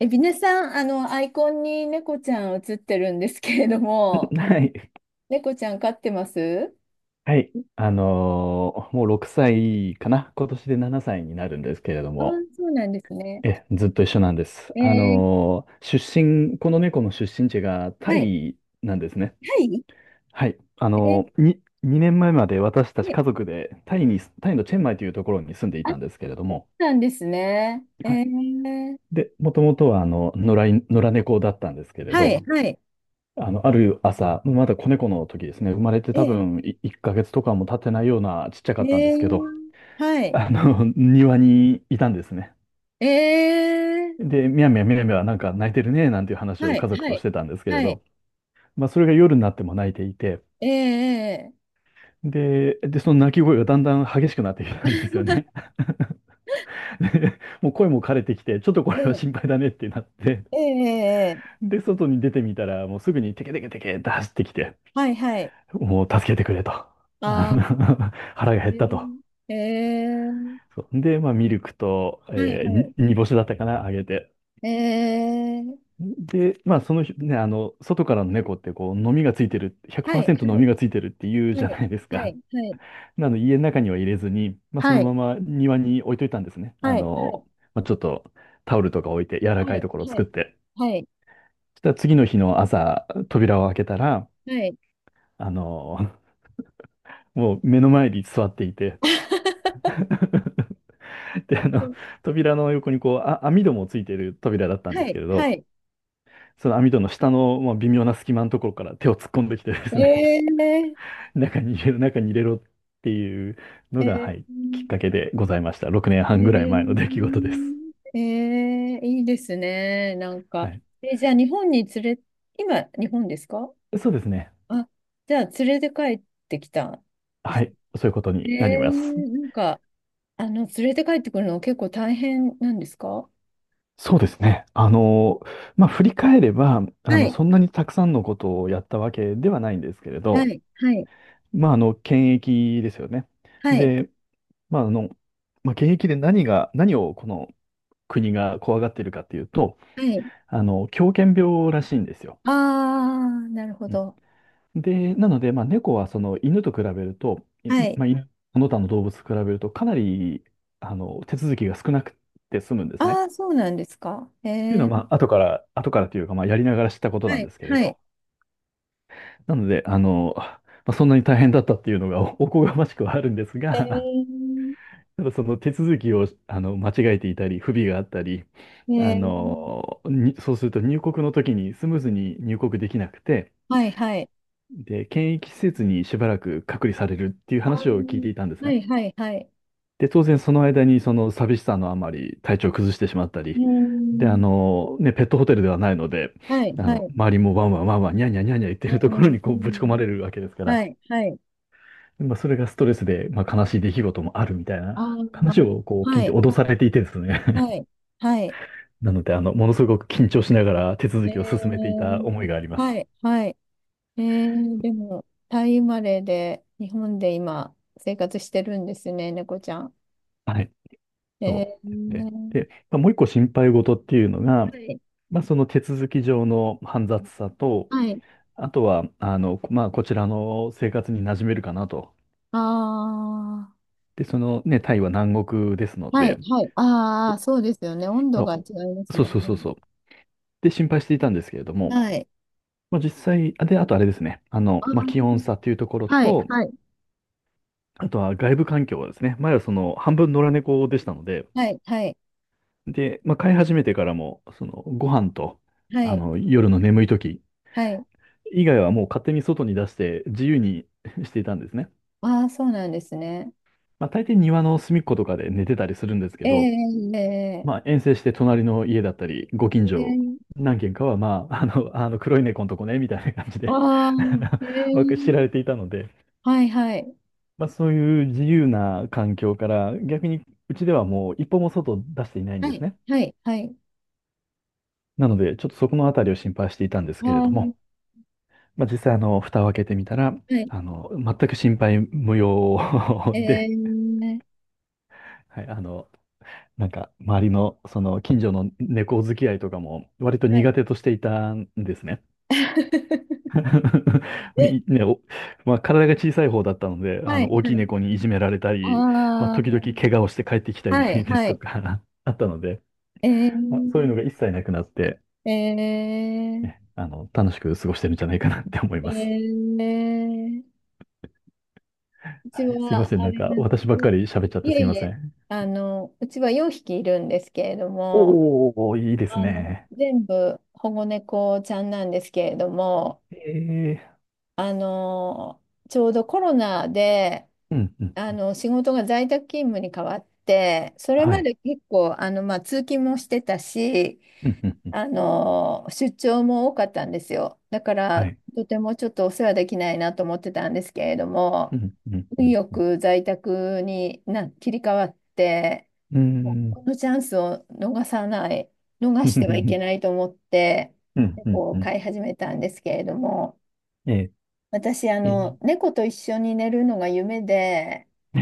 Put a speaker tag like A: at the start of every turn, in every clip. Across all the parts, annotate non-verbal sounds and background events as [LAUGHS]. A: えビネさん、アイコンに猫ちゃん写ってるんですけれども、
B: はい。
A: 猫ちゃん飼ってます
B: はい。もう6歳かな。今年で7歳になるんですけれど
A: ああ、
B: も、
A: そうなんですね。
B: ずっと一緒なんです。
A: え
B: あ
A: ー、
B: のー出身、この猫の出身地がタ
A: はい、
B: イなんですね。
A: はい、
B: はい。
A: えー、
B: 2年前まで私たち
A: ね、
B: 家族でタイのチェンマイというところに住んでい
A: あっ
B: たんですけれども、
A: たんですね。え
B: はい。
A: ー、
B: で、もともとは野良猫だったんですけれ
A: はい、
B: ど、
A: はい、
B: ある朝、まだ子猫の時ですね、生まれて多
A: え
B: 分1ヶ月とかも経ってないようなちっちゃか
A: ー、
B: ったんで
A: え
B: すけど、
A: ー、はい、
B: 庭にいたんですね。
A: えー、
B: で、みやみやみやみやなんか泣いてるね、なんていう話を
A: はい、
B: 家族
A: は
B: とし
A: い、
B: てたんですけれ
A: はい、
B: ど、まあ、それが夜になっても泣いていて、
A: えー、
B: で、その泣き声がだんだん激しくなってきたんですよね。[LAUGHS] で、もう声も枯れてきて、ちょっとこ
A: えー、
B: れは
A: え
B: 心配だねってなって、
A: ー、えー、えー
B: で、外に出てみたら、もうすぐにテケテケテケって走ってきて、
A: はい、はい。
B: もう助けてくれと。あの
A: あ
B: [LAUGHS] 腹が減っ
A: ー、え
B: たと。
A: ー、えー
B: そうで、まあ、ミルクと、
A: はい、
B: えー
A: は
B: に煮干しだったかな、あげて。
A: い。
B: で、まあ、そのひね、あの、外からの猫って、こう、のみがついてる、
A: はい、はい、
B: 100%のみがついてるって言う
A: は
B: じゃ
A: い。
B: ないです
A: は
B: か。
A: い、はい、
B: [LAUGHS] なので、家の中には入れずに、まあ、そ
A: は
B: の
A: い、
B: まま庭に置いといたんですね。
A: はい、
B: まあ、ちょっとタオルとか置いて、柔ら
A: は
B: かい
A: い、
B: ところを
A: は
B: 作っ
A: い、
B: て。
A: はい、
B: そしたら、次の日の朝、扉を開けたら、
A: はい、
B: あの、もう目の前に座っていて、[LAUGHS] で、扉の横に、こう、あ、網戸もついてる扉だったんで
A: は
B: すけ
A: い、
B: れ
A: は
B: ど、
A: い、
B: その網戸の下の、まあ、微妙な隙間のところから手を突っ込んできてで
A: え
B: すね、
A: いえ
B: 中に入れろ、[LAUGHS] 中に入れろっていうの
A: ー、
B: が、は
A: え
B: い、きっかけでございました。6年
A: ー、
B: 半ぐらい前の
A: え
B: 出来事です。
A: ー、えー、いいですね、なん
B: は
A: か。
B: い。
A: え、じゃあ、日本に連れ、今、日本ですか？
B: そうですね。
A: あ、じゃあ、連れて帰ってきた。
B: はい。そういうこと
A: え
B: になります。
A: ー、なんか、連れて帰ってくるの結構大変なんですか？は
B: そうですね。まあ、振り返れば、
A: い、
B: そんなにたくさんのことをやったわけではないんですけれ
A: は
B: ど、
A: い、はい、
B: まあ、検疫ですよね。
A: はい、
B: で、まあ、まあ、検疫で何をこの国が怖がっているかっていうと、
A: はい。
B: 狂犬病らしいんですよ。
A: ああ、なるほ
B: うん。
A: ど。
B: で、なので、まあ、猫はその犬と比べると、い
A: はい。
B: まあ、犬その他の動物と比べると、かなり手続きが少なくて済むんですね。
A: あ
B: っ
A: あ、そうなんですか。へ
B: ていうのは、
A: え。
B: まあ、後から、後からというか、まあ、やりながら知ったことな
A: は
B: んで
A: い、
B: すけれ
A: はい。
B: ど。なので、まあ、そんなに大変だったっていうのが [LAUGHS] おこがましくはあるんです
A: え
B: が、
A: ー、
B: ただその手続きを間違えていたり、不備があったり、
A: えー、
B: そうすると入国の時にスムーズに入国できなくて、
A: はい、はい。
B: で、検疫施設にしばらく隔離されるっていう
A: あ
B: 話を聞いて
A: ー、
B: いたんです
A: は
B: ね。
A: い、はい、はい。
B: で、当然その間にその寂しさのあまり体調を崩してしまった
A: うー
B: り、で、
A: ん、
B: ね、ペットホテルではないので、
A: はい、はい。
B: 周りもワンワンワンワン、ニャーニャーニャーニャー言って
A: え
B: るところ
A: ー、
B: にこ
A: う
B: うぶち込
A: ん、
B: まれるわけですか
A: は
B: ら、
A: い、はい。
B: まあ、それがストレスで、まあ、悲しい出来事もあるみたいな話をこう聞
A: は
B: いて
A: い、
B: 脅
A: は
B: され
A: い、
B: ていてですね。
A: はい。はい
B: [LAUGHS] なので、ものすごく緊張しながら手続
A: え
B: きを進めていた思い
A: ー、
B: がありま
A: は
B: す。
A: い、はい。えー、でも、タイ生まれで、日本で今、生活してるんですね、猫ちゃん。
B: はい。そう
A: え
B: ですね。
A: ー、
B: で、まあ、もう一個心配事っていうのが、
A: はい、
B: まあ、その手続き上の煩雑さと、
A: はい。
B: あとは、まあ、こちらの生活に馴染めるかなと。
A: ああ。
B: で、タイは南国ですの
A: はい、
B: で、
A: はい。ああ、そうですよね。温
B: そ
A: 度が違いま
B: う、
A: す
B: そう
A: もん
B: そう
A: ね。
B: そうそう。で、心配していたんですけれども、
A: はい。
B: まあ、実際、あで、あとあれですね、あの、
A: あ
B: まあ、気温
A: ー、
B: 差というところ
A: はい、
B: と、
A: はい、
B: あとは外部環境はですね、前はその半分野良猫でしたので、
A: はい、はい、
B: で、まあ、飼い始めてからも、そのご飯と、
A: はい、
B: 夜の眠い時
A: はい。
B: 以外はもう勝手に外に出して自由に [LAUGHS] していたんですね。
A: ああ、そうなんですね。
B: まあ、大抵庭の隅っことかで寝てたりするんですけ
A: え
B: ど、
A: え
B: まあ、
A: え
B: 遠征して隣の家だったり、ご近
A: ええ
B: 所、
A: え、
B: 何軒かは、まあ、[LAUGHS] あの黒い猫のとこね、みたいな感じで
A: あ
B: [LAUGHS] あ
A: ええ、
B: のわか知られていたので、
A: はい、はい、
B: まあ、そういう自由な環境から、逆にうちではもう一歩も外を出していないんで
A: は
B: す
A: い、
B: ね。
A: はい、はい。
B: なので、ちょっとそこのあたりを心配していたんです
A: あ
B: けれ
A: あ、
B: ど
A: は
B: も、まあ、実際、蓋を開けてみたら、
A: い、
B: 全く心配無用 [LAUGHS] で、
A: ええ、
B: はい、なんか、周りの、その、近所の猫付き合いとかも、割と
A: は
B: 苦
A: い。
B: 手としていたんですね。
A: [LAUGHS]
B: [LAUGHS] いね、お、まあ、体が小さい方だったので、
A: はい、
B: 大
A: は
B: きい
A: い。
B: 猫にいじめられたり、まあ、
A: あ
B: 時々
A: あ、
B: 怪我をして帰ってきたり
A: は
B: [LAUGHS]
A: い、
B: です
A: は
B: と
A: い。
B: か [LAUGHS] あったので、
A: え
B: まあ、そういう
A: え
B: のが一切なくなって、ね、
A: え
B: 楽しく過ごしてるんじゃないかなって思い
A: え
B: ます。
A: ええ、うち
B: はい、すいま
A: は
B: せん。
A: あ
B: なん
A: れ
B: か、
A: なんで
B: 私
A: す
B: ばっか
A: ね。
B: り喋っちゃっ
A: い
B: てす
A: え
B: いま
A: い
B: せ
A: え、
B: ん。
A: あの、うちは4匹いるんですけれども、
B: おー、いいです
A: あの、
B: ね。
A: 全部保護猫ちゃんなんですけれども、
B: ええ
A: あの、ちょうどコロナで、
B: ー、うん、うん、
A: あ
B: うん。
A: の、仕事が在宅勤務に変わって、それ
B: は
A: ま
B: い。
A: で結構、通勤もしてたし、
B: うん、うん、うん。
A: あの、出張も多かったんですよ。だか
B: は
A: ら、
B: い。
A: とてもちょっとお世話できないなと思ってたんですけれど
B: う
A: も、
B: ん、うん、う
A: 運
B: ん。
A: よ
B: うん、
A: く在宅に切り替わって、
B: うーん、
A: このチャンスを逃さない、
B: [LAUGHS]
A: 逃
B: う
A: してはいけ
B: ん。
A: ないと思って、
B: うん、う
A: 猫を
B: ん、
A: 飼い始めたんですけれども、
B: え
A: 私、あ
B: えー
A: の、猫と一緒に寝るのが夢で、
B: え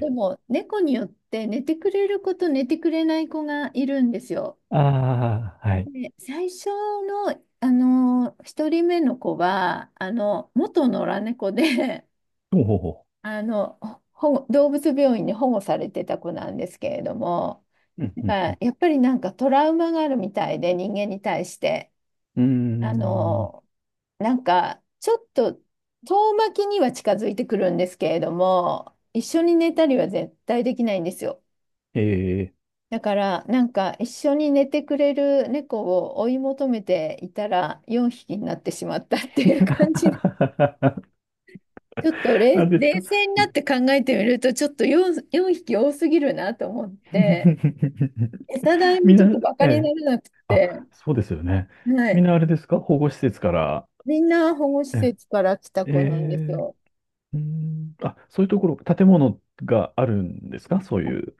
A: でも、猫によって寝てくれる子と寝てくれない子がいるんですよ。
B: ああ、はい。
A: で、最初の、あの、一人目の子は、あの、元野良猫で、
B: ほうほうほ
A: あの、保護動物病院に保護されてた子なんですけれども、
B: う。うん、
A: なん
B: うん、うん。
A: やっぱりなんかトラウマがあるみたいで、人間に対して。
B: う
A: あ
B: ーん。
A: の、なんかちょっと遠巻きには近づいてくるんですけれども、一緒に寝たりは絶対できないんですよ。
B: ええ
A: だからなんか一緒に寝てくれる猫を追い求めていたら4匹になってしまったっていう感じ。
B: [LAUGHS]。
A: ちょっと
B: あ
A: れ
B: れです
A: 冷
B: か？
A: 静になって考えてみると、ちょっと4匹多すぎるなと思って、餌代
B: [LAUGHS]
A: も
B: みん
A: ちょっ
B: な、
A: とバ
B: え
A: カにな
B: え。
A: らなく
B: あ、
A: て、
B: そうですよね。
A: は
B: み
A: い。
B: んなあれですか、保護施設から？
A: みんな保護施
B: え
A: 設から来た
B: え、え
A: 子なんです
B: え、
A: よ。
B: うーん。あ、そういうところ、建物があるんですか？そういう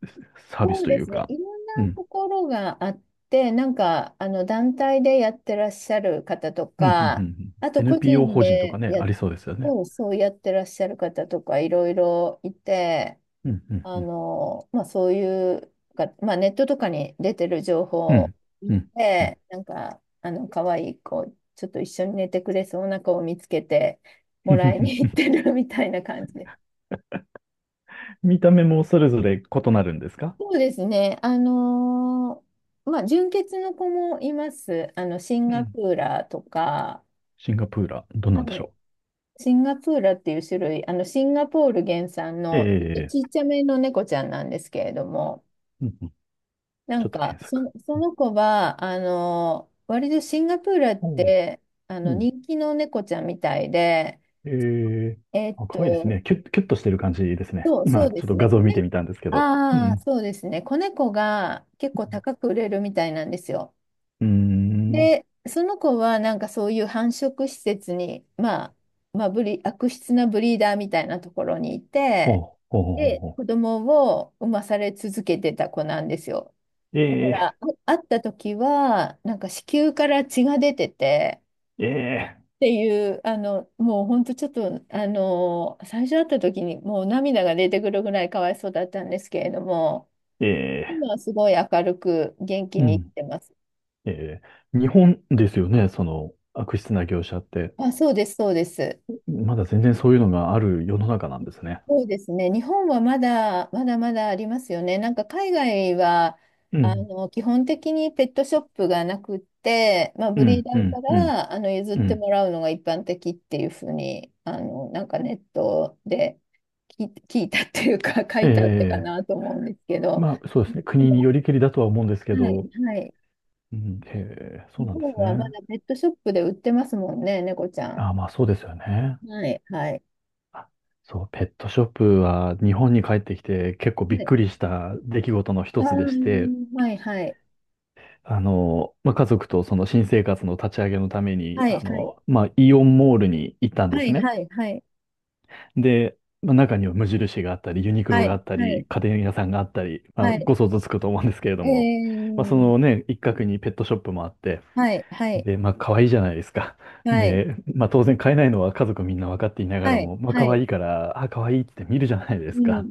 B: サービ
A: そ
B: ス
A: う
B: と
A: で
B: いう
A: すね。
B: か。
A: いろんな
B: うん。
A: ところがあって、なんか、あの、団体でやってらっしゃる方と
B: うん、うん、うん。う
A: か、
B: ん、
A: あと個
B: NPO
A: 人
B: 法人とか
A: で
B: ね、
A: や、
B: ありそうですよね。
A: そう、そうやってらっしゃる方とか、いろいろいて、
B: うん、うん、うん。
A: そういうが、まあ、ネットとかに出てる情
B: う
A: 報
B: ん、うん。うん、
A: で、なんか、あの、可愛い子、ちょっと一緒に寝てくれそうな子を見つけて、もらいに行ってる [LAUGHS] みたいな感じで。
B: 見た目もそれぞれ異なるんですか？
A: そうですね。あの、ーまあ、純血の子もいます。あの、シン
B: う
A: ガ
B: ん。
A: プーラとか、
B: シンガプーラ、どうなんで
A: は
B: し
A: い、
B: ょ
A: シンガプーラっていう種類、あの、シンガポール原産の、ちょっと
B: う。
A: ちっちゃめの猫ちゃんなんですけれども、
B: うんうん。ちょっと検索。
A: そ
B: うん、
A: の子は、あの、割とシンガポールっ
B: おう、
A: て、あ
B: う
A: の、
B: ん。
A: 人気の猫ちゃんみたいで、
B: ええ、
A: えっ
B: あ、可愛いいです
A: と、
B: ね。キュッ、キュッとしてる感じですね。
A: そ
B: 今、
A: うで
B: ちょっ
A: す
B: と
A: ね。
B: 画像
A: 子
B: 見て
A: ね、
B: みたんですけど。う
A: ああ、
B: ん。
A: そうですね。子猫が結
B: う
A: 構
B: ん、
A: 高く売れるみたいなんですよ。
B: うーん。
A: で、その子はなんかそういう繁殖施設に、まあ、悪質なブリーダーみたいなところにい
B: ほう、
A: て、
B: ほうほうほう
A: で、
B: ほ
A: 子供を産まされ続けてた子なんですよ。
B: う。
A: あ、
B: ええ、
A: 会った時は、なんか子宮から血が出てて、
B: ええ、
A: っていう、あの、もう本当ちょっと、あの、最初会った時にもう涙が出てくるぐらいかわいそうだったんですけれども、
B: え
A: 今
B: え、
A: はすごい明るく元気
B: う
A: に生き
B: ん。
A: てます。
B: ええ、日本ですよね、その悪質な業者って。
A: あ、そうです。
B: まだ全然そういうのがある世の中なんですね。
A: そうですね。日本はまだ、まだまだありますよね。なんか海外は、
B: う
A: あ
B: ん、
A: の、基本的にペットショップがなくって、まあ、
B: う
A: ブリー
B: ん、
A: ダ
B: う
A: ー
B: ん、
A: か
B: うん、
A: ら、あの、譲っ
B: う
A: て
B: ん。
A: もらうのが一般的っていうふうに、あの、なんかネットで聞いたっていうか、[LAUGHS] 書
B: え
A: いたってか
B: え、
A: なと思うんですけど、
B: まあそうで
A: 日
B: すね。
A: 本
B: 国に
A: は、
B: よりけりだとは思うんですけ
A: はい、
B: ど、
A: はい。
B: うん、へえ、そう
A: 日
B: なんで
A: 本
B: す
A: はまだ
B: ね。
A: ペットショップで売ってますもんね、猫ちゃん。
B: あ、まあそうですよね。
A: はい、はい、
B: あ、そう、ペットショップは日本に帰ってきて結構び
A: は
B: っ
A: い。
B: くりした出来事の
A: あ
B: 一つでして、
A: ー、はい、はい、
B: まあ家族とその新生活の立ち上げのために、
A: はい、はい、
B: まあイオンモールに行ったんで
A: は
B: す
A: い、
B: ね。
A: はい。はい、
B: で、まあ、中には無印があったり、ユニクロ
A: は
B: が
A: い、
B: あった
A: は
B: り、
A: い、
B: 家電屋さんがあったり、まあ
A: はい。
B: ご想像つくと思うんですけれど
A: え
B: も、まあ
A: ー、
B: 一角にペットショップもあって、
A: はい、はい、
B: で、まあ、可愛いじゃないですか。
A: はい、
B: で、まあ、当然買えないのは家族みんな分かっていながら
A: はい、
B: も、まあ、
A: は
B: 可
A: い、
B: 愛いから、あ、可愛いって見るじゃないで
A: うん、
B: す
A: うん、
B: か。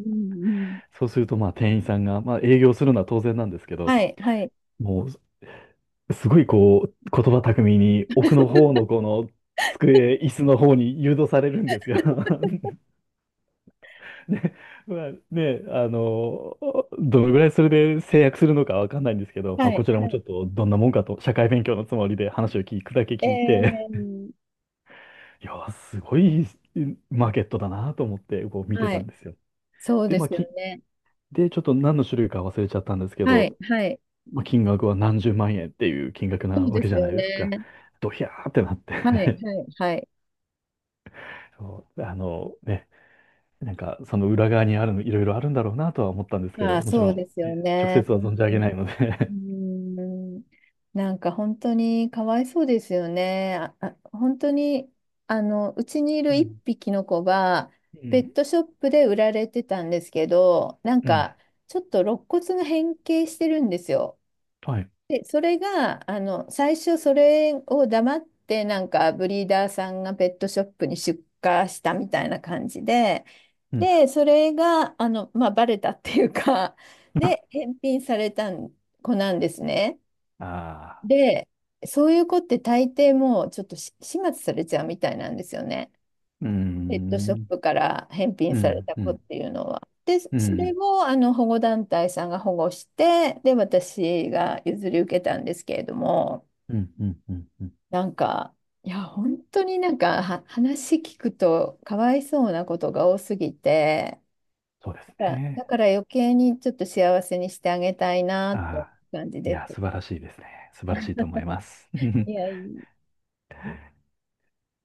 A: うん。
B: そうすると、まあ、店員さんが、まあ、営業するのは当然なんですけど、
A: はい、はい、
B: もう、すごいこう、言葉巧みに、奥の方のこの、机、椅子の方に誘導されるんですよ。[LAUGHS] で、まあ、ね、どのぐらいそれで制約するのかわかんないんですけど、
A: は
B: まあ、こ
A: い、
B: ちらもちょ
A: は
B: っとどんなもんかと、社会勉強のつもりで話を聞くだけ
A: い。
B: 聞いて、
A: ー、
B: いや、すごいマーケットだなと思ってこう見て
A: は
B: たん
A: い、
B: ですよ。
A: そう
B: で、
A: で
B: まあ、
A: すよ
B: き、
A: ね。
B: で、ちょっと何の種類か忘れちゃったんですけ
A: は
B: ど、
A: い、はい、
B: まあ、金額は何十万円っていう金額
A: そ
B: な
A: う
B: わ
A: で
B: けじ
A: す
B: ゃ
A: よ
B: ないですか。
A: ね。
B: ドヒャーってなっ
A: はい、
B: て
A: はい、はい。
B: [LAUGHS] そう、なんかその裏側にあるの、いろいろあるんだろうなとは思ったんですけ
A: まあ、
B: ど、
A: あ、
B: もち
A: そ
B: ろ
A: う
B: ん、
A: ですよ
B: ね直
A: ね。
B: 接は
A: 本
B: 存じ
A: 当
B: 上げ
A: に。
B: ないの
A: うー
B: で
A: ん、なんか本当にかわいそうですよね。あ、本当に、あの、うちにい
B: [LAUGHS] う
A: る一
B: ん、
A: 匹の子が、
B: う
A: ペッ
B: ん、
A: トショップで売られてたんですけど、なん
B: うん、
A: か、ちょっと肋骨が変形してるんですよ。
B: はい、
A: で、それが、あの、最初それを黙って、なんか、ブリーダーさんがペットショップに出荷したみたいな感じで、
B: うん、
A: で、それが、あの、まあ、バレたっていうか、[LAUGHS] で、返品された子なんですね。
B: ああ、
A: で、そういう子って大抵もうちょっと始末されちゃうみたいなんですよね。
B: うー
A: ペットショッ
B: ん、
A: プから返品
B: う
A: され
B: ん、
A: た
B: う
A: 子っ
B: ん、
A: ていうのは。で、
B: う
A: それ
B: ん、
A: をあの保護団体さんが保護して、で、私が譲り受けたんですけれども、
B: うん、うん、うん、うん、
A: なんか、いや、本当になんか話聞くとかわいそうなことが多すぎて、
B: そうです
A: だ
B: ね。
A: から余計にちょっと幸せにしてあげたいな
B: あ
A: って
B: あ、
A: 感じ
B: い
A: で
B: や、
A: す。
B: 素晴らしいですね。素晴らしいと思います。
A: い
B: [LAUGHS]
A: やいや